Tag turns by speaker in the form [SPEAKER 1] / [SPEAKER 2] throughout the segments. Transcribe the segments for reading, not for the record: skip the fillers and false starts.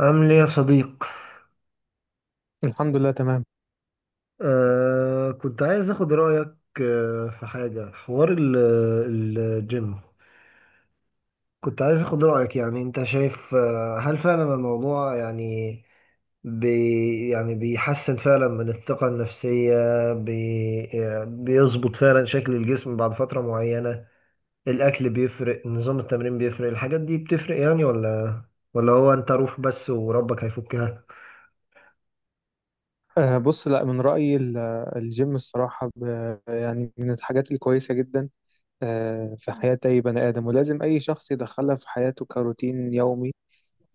[SPEAKER 1] عامل ايه يا صديق؟
[SPEAKER 2] الحمد لله، تمام.
[SPEAKER 1] كنت عايز اخد رأيك. في حاجة، حوار الجيم كنت عايز اخد رأيك، يعني انت شايف، هل فعلا الموضوع يعني يعني بيحسن فعلا من الثقة النفسية؟ بي بيظبط فعلا شكل الجسم بعد فترة معينة؟ الأكل بيفرق، نظام التمرين بيفرق، الحاجات دي بتفرق يعني، ولا هو انت روح بس وربك هيفكها؟
[SPEAKER 2] بص، لا، من رأيي الجيم الصراحة، يعني من الحاجات الكويسة جدا في حياة أي بني آدم، ولازم أي شخص يدخلها في حياته كروتين يومي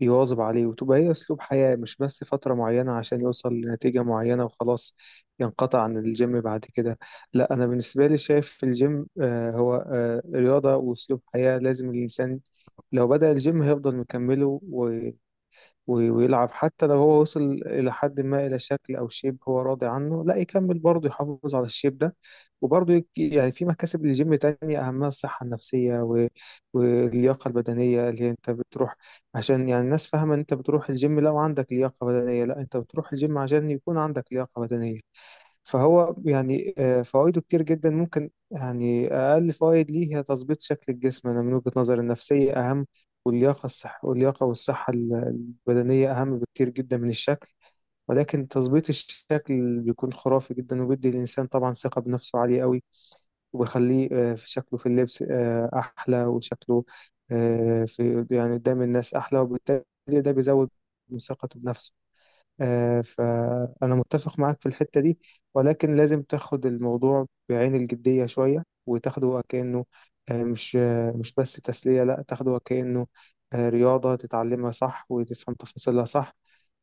[SPEAKER 2] يواظب عليه، وتبقى هي أسلوب حياة، مش بس فترة معينة عشان يوصل لنتيجة معينة وخلاص ينقطع عن الجيم بعد كده. لا، أنا بالنسبة لي شايف الجيم هو رياضة وأسلوب حياة، لازم الإنسان لو بدأ الجيم هيفضل مكمله ويلعب، حتى لو هو وصل إلى حد ما إلى شكل أو شيب هو راضي عنه لا يكمل برضه يحافظ على الشيب ده. وبرضه يعني في مكاسب للجيم تانية، أهمها الصحة النفسية واللياقة البدنية اللي هي أنت بتروح، عشان يعني الناس فاهمة إن أنت بتروح الجيم لو عندك لياقة بدنية، لا أنت بتروح الجيم عشان يكون عندك لياقة بدنية. فهو يعني فوائده كتير جدا، ممكن يعني أقل فوائد ليه هي تظبيط شكل الجسم. أنا من وجهة نظري النفسية أهم، واللياقة الصح، واللياقة والصحة البدنية أهم بكتير جدا من الشكل. ولكن تظبيط الشكل بيكون خرافي جدا، وبيدي الإنسان طبعا ثقة بنفسه عالية قوي، وبيخليه في شكله في اللبس أحلى، وشكله في يعني قدام الناس أحلى، وبالتالي ده بيزود من ثقته بنفسه. فأنا متفق معاك في الحتة دي، ولكن لازم تاخد الموضوع بعين الجدية شوية، وتاخده كأنه مش مش بس تسلية، لا تاخده كأنه رياضة تتعلمها صح، وتفهم تفاصيلها صح،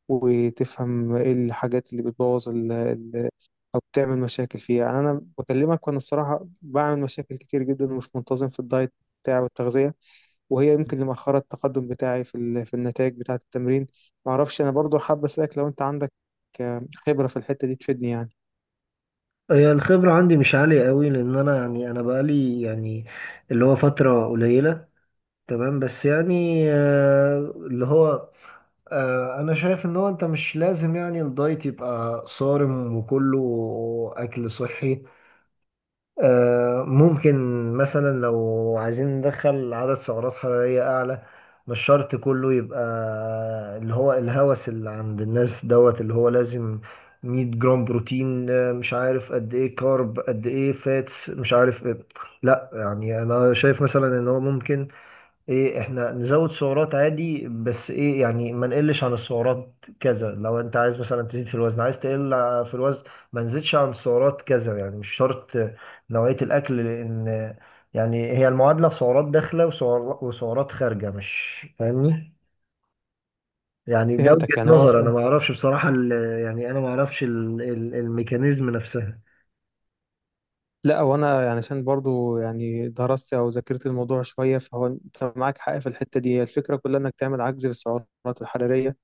[SPEAKER 2] وتفهم ايه الحاجات اللي بتبوظ أو بتعمل مشاكل فيها. يعني أنا بكلمك وأنا الصراحة بعمل مشاكل كتير جدا ومش منتظم في الدايت بتاعي والتغذية، وهي يمكن اللي مأخرة التقدم بتاعي في في النتائج بتاعة التمرين. معرفش، أنا برضو حابب أسألك لو أنت عندك خبرة في الحتة دي تفيدني يعني.
[SPEAKER 1] هي الخبرة عندي مش عالية قوي، لأن أنا بقالي يعني اللي هو فترة قليلة. تمام بس يعني، آه، اللي هو آه، أنا شايف إن هو، أنت مش لازم يعني الدايت يبقى صارم وكله أكل صحي. ممكن مثلا لو عايزين ندخل عدد سعرات حرارية أعلى، مش شرط كله يبقى اللي هو الهوس اللي عند الناس دوت، اللي هو لازم 100 جرام بروتين، مش عارف قد ايه كارب، قد ايه فاتس، مش عارف إيه. لا يعني انا شايف مثلا ان هو ممكن، ايه، احنا نزود سعرات عادي، بس ايه يعني ما نقلش عن السعرات كذا. لو انت عايز مثلا تزيد في الوزن، عايز تقل في الوزن، ما نزيدش عن السعرات كذا، يعني مش شرط نوعية الاكل. لان يعني هي المعادلة سعرات داخلة وسعر- وسعرات خارجة، مش فاهمني؟ يعني ده وجهة
[SPEAKER 2] فهمتك، يعني هو
[SPEAKER 1] نظر، انا
[SPEAKER 2] أصلا.
[SPEAKER 1] ما اعرفش بصراحة يعني انا ما اعرفش الميكانيزم نفسها.
[SPEAKER 2] لا، وأنا يعني عشان برضو يعني درست أو ذاكرت الموضوع شوية، فهو أنت معاك حق في الحتة دي. هي الفكرة كلها إنك تعمل عجز بالسعرات الحرارية،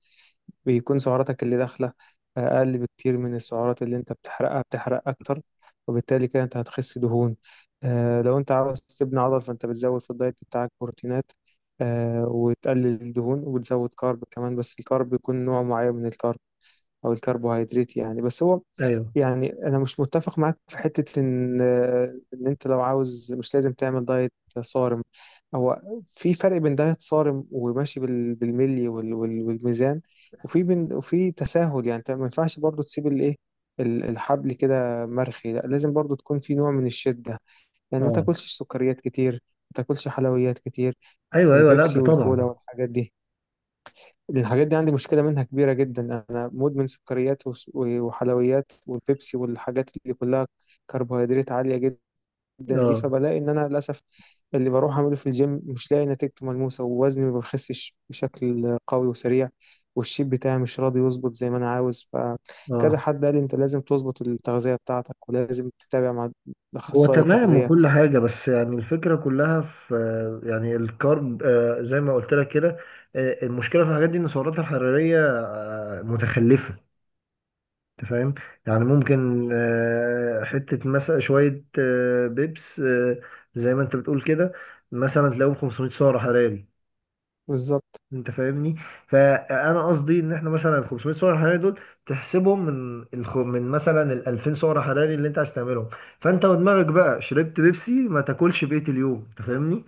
[SPEAKER 2] بيكون سعراتك اللي داخلة أقل بكتير من السعرات اللي أنت بتحرقها، بتحرق أكتر، وبالتالي كده أنت هتخس دهون. لو أنت عاوز تبني عضل فأنت بتزود في الدايت بتاعك بروتينات وتقلل الدهون، وبتزود كارب كمان، بس الكارب بيكون نوع معين من الكارب أو الكربوهيدرات يعني. بس هو
[SPEAKER 1] ايوه.
[SPEAKER 2] يعني انا مش متفق معاك في حته ان انت لو عاوز مش لازم تعمل دايت صارم. هو في فرق بين دايت صارم وماشي بالملي والميزان، وفي بين، وفي تساهل. يعني انت ما ينفعش برضو تسيب الايه الحبل كده مرخي، لا لازم برضو تكون في نوع من الشده. يعني ما
[SPEAKER 1] اه.
[SPEAKER 2] تاكلش سكريات كتير، ما تاكلش حلويات كتير،
[SPEAKER 1] ايوه، ايوه، لا ده
[SPEAKER 2] البيبسي والكولا
[SPEAKER 1] طبعا.
[SPEAKER 2] والحاجات دي. الحاجات دي عندي مشكلة منها كبيرة جدا، أنا مدمن سكريات وحلويات والبيبسي والحاجات اللي كلها كربوهيدرات عالية جدا دي.
[SPEAKER 1] اه.
[SPEAKER 2] فبلاقي إن أنا للأسف اللي بروح أعمله في الجيم مش لاقي نتيجته ملموسة، ووزني ما بخسش بشكل قوي وسريع، والشيب بتاعي مش راضي يظبط زي ما أنا عاوز. فكذا
[SPEAKER 1] اه.
[SPEAKER 2] حد قال لي أنت لازم تظبط التغذية بتاعتك، ولازم تتابع مع
[SPEAKER 1] هو
[SPEAKER 2] أخصائي
[SPEAKER 1] تمام
[SPEAKER 2] تغذية.
[SPEAKER 1] وكل حاجة، بس يعني الفكرة كلها في، يعني الكارب زي ما قلت لك كده، المشكلة في الحاجات دي إن السعرات الحرارية متخلفة. أنت فاهم؟ يعني ممكن، حتة مثلا شوية، بيبس، زي ما أنت بتقول كده، مثلا تلاقيهم 500 سعر حراري.
[SPEAKER 2] بالظبط.
[SPEAKER 1] انت فاهمني؟ فانا قصدي ان احنا مثلا ال 500 سعر حراري دول تحسبهم من من مثلا ال 2000 سعر حراري اللي انت عايز تعملهم. فانت ودماغك بقى شربت بيبسي، ما تاكلش بقية اليوم، انت فاهمني؟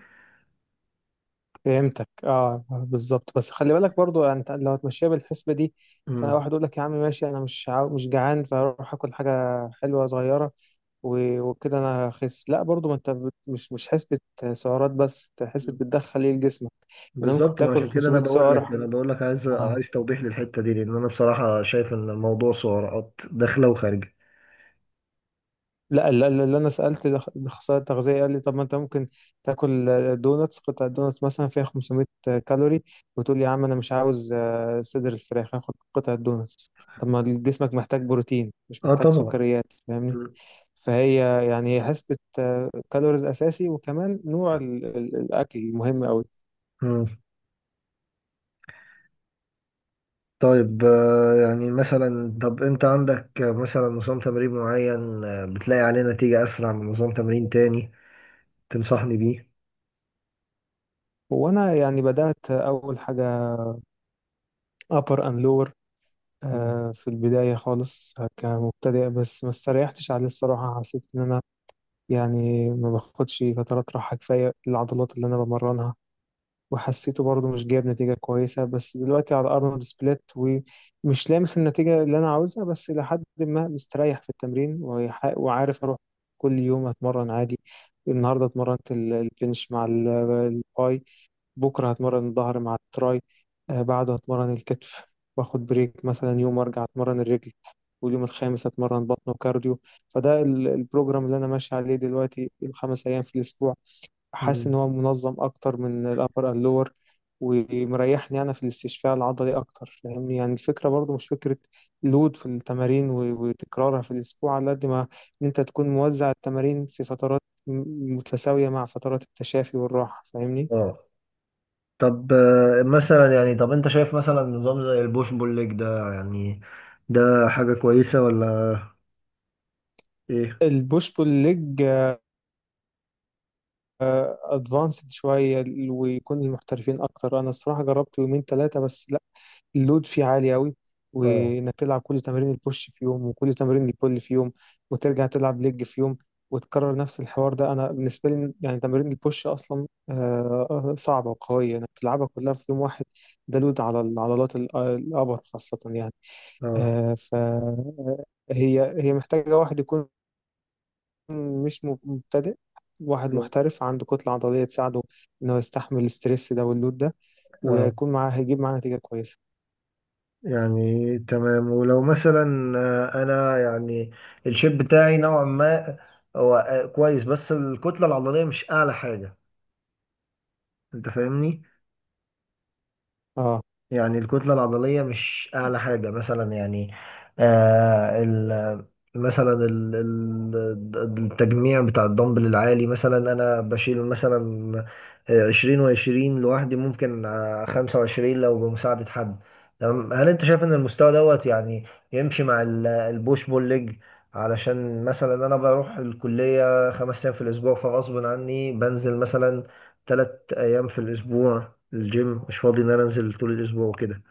[SPEAKER 2] فهمتك، اه، بالظبط. بس خلي بالك برضو يعني انت لو هتمشيها بالحسبه دي،
[SPEAKER 1] امم
[SPEAKER 2] فواحد يقول لك يا عم ماشي، انا مش جعان، فاروح اكل حاجه حلوه صغيره، وكده انا هخس. لا، برضو ما انت مش حسبه سعرات، بس انت حسبه بتدخل ايه لجسمك. يعني ممكن
[SPEAKER 1] بالظبط. ما
[SPEAKER 2] تاكل
[SPEAKER 1] عشان كده انا
[SPEAKER 2] 500
[SPEAKER 1] بقول لك
[SPEAKER 2] سعره؟
[SPEAKER 1] انا بقول لك عايز
[SPEAKER 2] اه.
[SPEAKER 1] عايز توضيح للحتة دي، لان انا بصراحة شايف ان الموضوع سعرات داخلة وخارجة.
[SPEAKER 2] لا لا لا لا، انا سالت الاخصائي التغذيه قال لي طب ما انت ممكن تاكل دوناتس، قطعه دوناتس مثلا فيها 500 كالوري، وتقول يا عم انا مش عاوز صدر الفراخ، هاخد قطعه دوناتس. طب ما جسمك محتاج بروتين، مش
[SPEAKER 1] اه
[SPEAKER 2] محتاج
[SPEAKER 1] طبعا.
[SPEAKER 2] سكريات، فاهمني؟
[SPEAKER 1] مم.
[SPEAKER 2] فهي يعني هي حسبة كالوريز أساسي، وكمان نوع الأكل مهم أوي.
[SPEAKER 1] مم. طيب، يعني مثلا، طب انت عندك مثلا نظام تمرين معين بتلاقي عليه نتيجة اسرع من نظام تمرين تاني تنصحني بيه؟
[SPEAKER 2] وأنا يعني بدأت أول حاجة upper and lower
[SPEAKER 1] مم.
[SPEAKER 2] في البداية خالص كمبتدئ، بس ما استريحتش عليه الصراحة. حسيت إن أنا يعني ما باخدش فترات راحة كفاية للعضلات اللي أنا بمرنها، وحسيته برضه مش جايب نتيجة كويسة. بس دلوقتي على أرنولد سبليت، ومش لامس النتيجة اللي أنا عاوزها، بس إلى حد ما مستريح في التمرين، وعارف أروح كل يوم أتمرن عادي. النهاردة اتمرنت البنش مع الباي، بكرة هتمرن الظهر مع التراي، بعده هتمرن الكتف، واخد بريك مثلا يوم وارجع اتمرن الرجل، واليوم الخامس هتمرن بطن وكارديو. فده البروجرام اللي انا ماشي عليه دلوقتي، ال5 ايام في الاسبوع. حاسس
[SPEAKER 1] مم.
[SPEAKER 2] ان هو منظم اكتر من الابر اللور، ومريحني انا في الاستشفاء العضلي اكتر، فاهمني؟ يعني الفكره برضو مش فكره لود في التمارين وتكرارها في الاسبوع على قد ما ان انت تكون موزع التمارين في فترات متساويه مع فترات التشافي والراحه، فاهمني؟
[SPEAKER 1] اه. طب مثلا يعني، طب انت شايف مثلا نظام زي البوش بول ليج ده، يعني ده حاجة كويسة ولا ايه؟
[SPEAKER 2] البوش بول ليج ادفانسد شويه، ويكون المحترفين اكتر، انا الصراحه جربت يومين ثلاثه بس لا، اللود فيه عالي قوي،
[SPEAKER 1] اه.
[SPEAKER 2] وانك تلعب كل تمارين البوش في يوم وكل تمارين البول في يوم وترجع تلعب ليج في يوم وتكرر نفس الحوار ده. انا بالنسبه لي يعني تمارين البوش اصلا صعبه وقويه انك تلعبها كلها في يوم واحد. ده لود على العضلات الابر خاصه يعني.
[SPEAKER 1] اه.
[SPEAKER 2] فهي محتاجه واحد يكون مش مبتدئ، واحد محترف عنده كتلة عضلية تساعده إنه يستحمل الستريس ده واللود ده،
[SPEAKER 1] اه.
[SPEAKER 2] وهيكون معاه، هيجيب معاه نتيجة كويسة.
[SPEAKER 1] يعني تمام. ولو مثلا، آه، انا يعني الشيب بتاعي نوعا ما هو كويس، بس الكتلة العضلية مش اعلى حاجة، انت فاهمني؟
[SPEAKER 2] اه،
[SPEAKER 1] يعني الكتلة العضلية مش أعلى حاجة، مثلا يعني آه ال مثلا التجميع بتاع الدمبل العالي، مثلا أنا بشيل مثلا 20 و20 لوحدي، ممكن 25 لو بمساعدة حد. تمام. هل أنت شايف إن المستوى دوت يعني يمشي مع البوش بول ليج؟ علشان مثلا أنا بروح الكلية 5 أيام في الأسبوع، فغصب عني بنزل مثلا 3 أيام في الأسبوع. الجيم مش فاضي ان انا انزل طول الاسبوع وكده،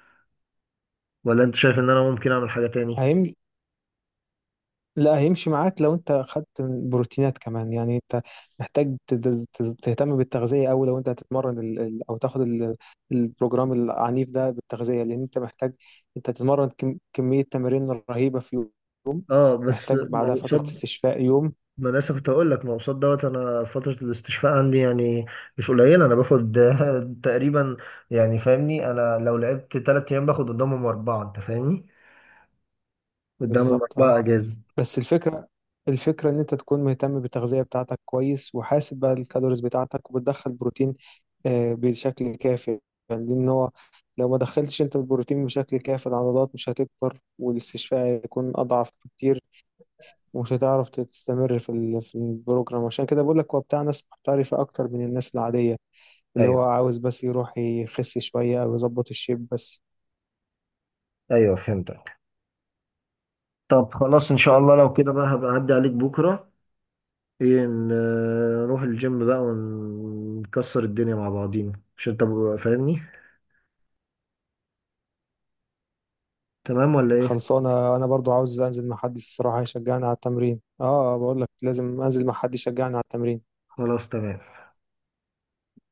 [SPEAKER 1] ولا انت شايف ان انا ممكن اعمل حاجة تاني؟
[SPEAKER 2] هيمشي. لا، هيمشي معاك لو انت خدت بروتينات كمان. يعني انت محتاج تهتم بالتغذية أوي لو انت هتتمرن او تاخد البروجرام العنيف ده، بالتغذية، لأن انت محتاج انت تتمرن كمية تمارين رهيبة في يوم،
[SPEAKER 1] اه. بس
[SPEAKER 2] محتاج
[SPEAKER 1] ما
[SPEAKER 2] بعدها
[SPEAKER 1] هو
[SPEAKER 2] فترة
[SPEAKER 1] قصاد،
[SPEAKER 2] استشفاء يوم.
[SPEAKER 1] ما انا لسه كنت هقول لك ما هو قصاد دوت، انا فترة الاستشفاء عندي يعني مش قليلة. انا باخد تقريبا، يعني فاهمني، انا لو لعبت 3 ايام باخد قدامهم 4، انت فاهمني، قدامهم
[SPEAKER 2] بالظبط، اه.
[SPEAKER 1] 4 اجازة.
[SPEAKER 2] بس الفكرة، إن أنت تكون مهتم بالتغذية بتاعتك كويس، وحاسب بقى الكالوريز بتاعتك، وبتدخل بروتين بشكل كافي يعني، لأن هو لو ما دخلتش أنت البروتين بشكل كافي العضلات مش هتكبر، والاستشفاء هيكون أضعف بكتير، ومش هتعرف تستمر في في البروجرام. عشان كده بقول لك هو بتاع ناس محترفة أكتر من الناس العادية، اللي هو
[SPEAKER 1] ايوه.
[SPEAKER 2] عاوز بس يروح يخس شوية أو يظبط الشيب بس.
[SPEAKER 1] ايوه، فهمتك. طب خلاص، ان شاء الله لو كده بقى هبقى اعدي عليك بكرة. ايه، نروح الجيم بقى ونكسر الدنيا مع بعضينا، عشان انت فاهمني. تمام ولا ايه؟
[SPEAKER 2] خلصانة. أنا برضو عاوز أنزل مع حد الصراحة يشجعني على التمرين. اه، بقول لك لازم أنزل مع حد يشجعني على التمرين.
[SPEAKER 1] خلاص تمام.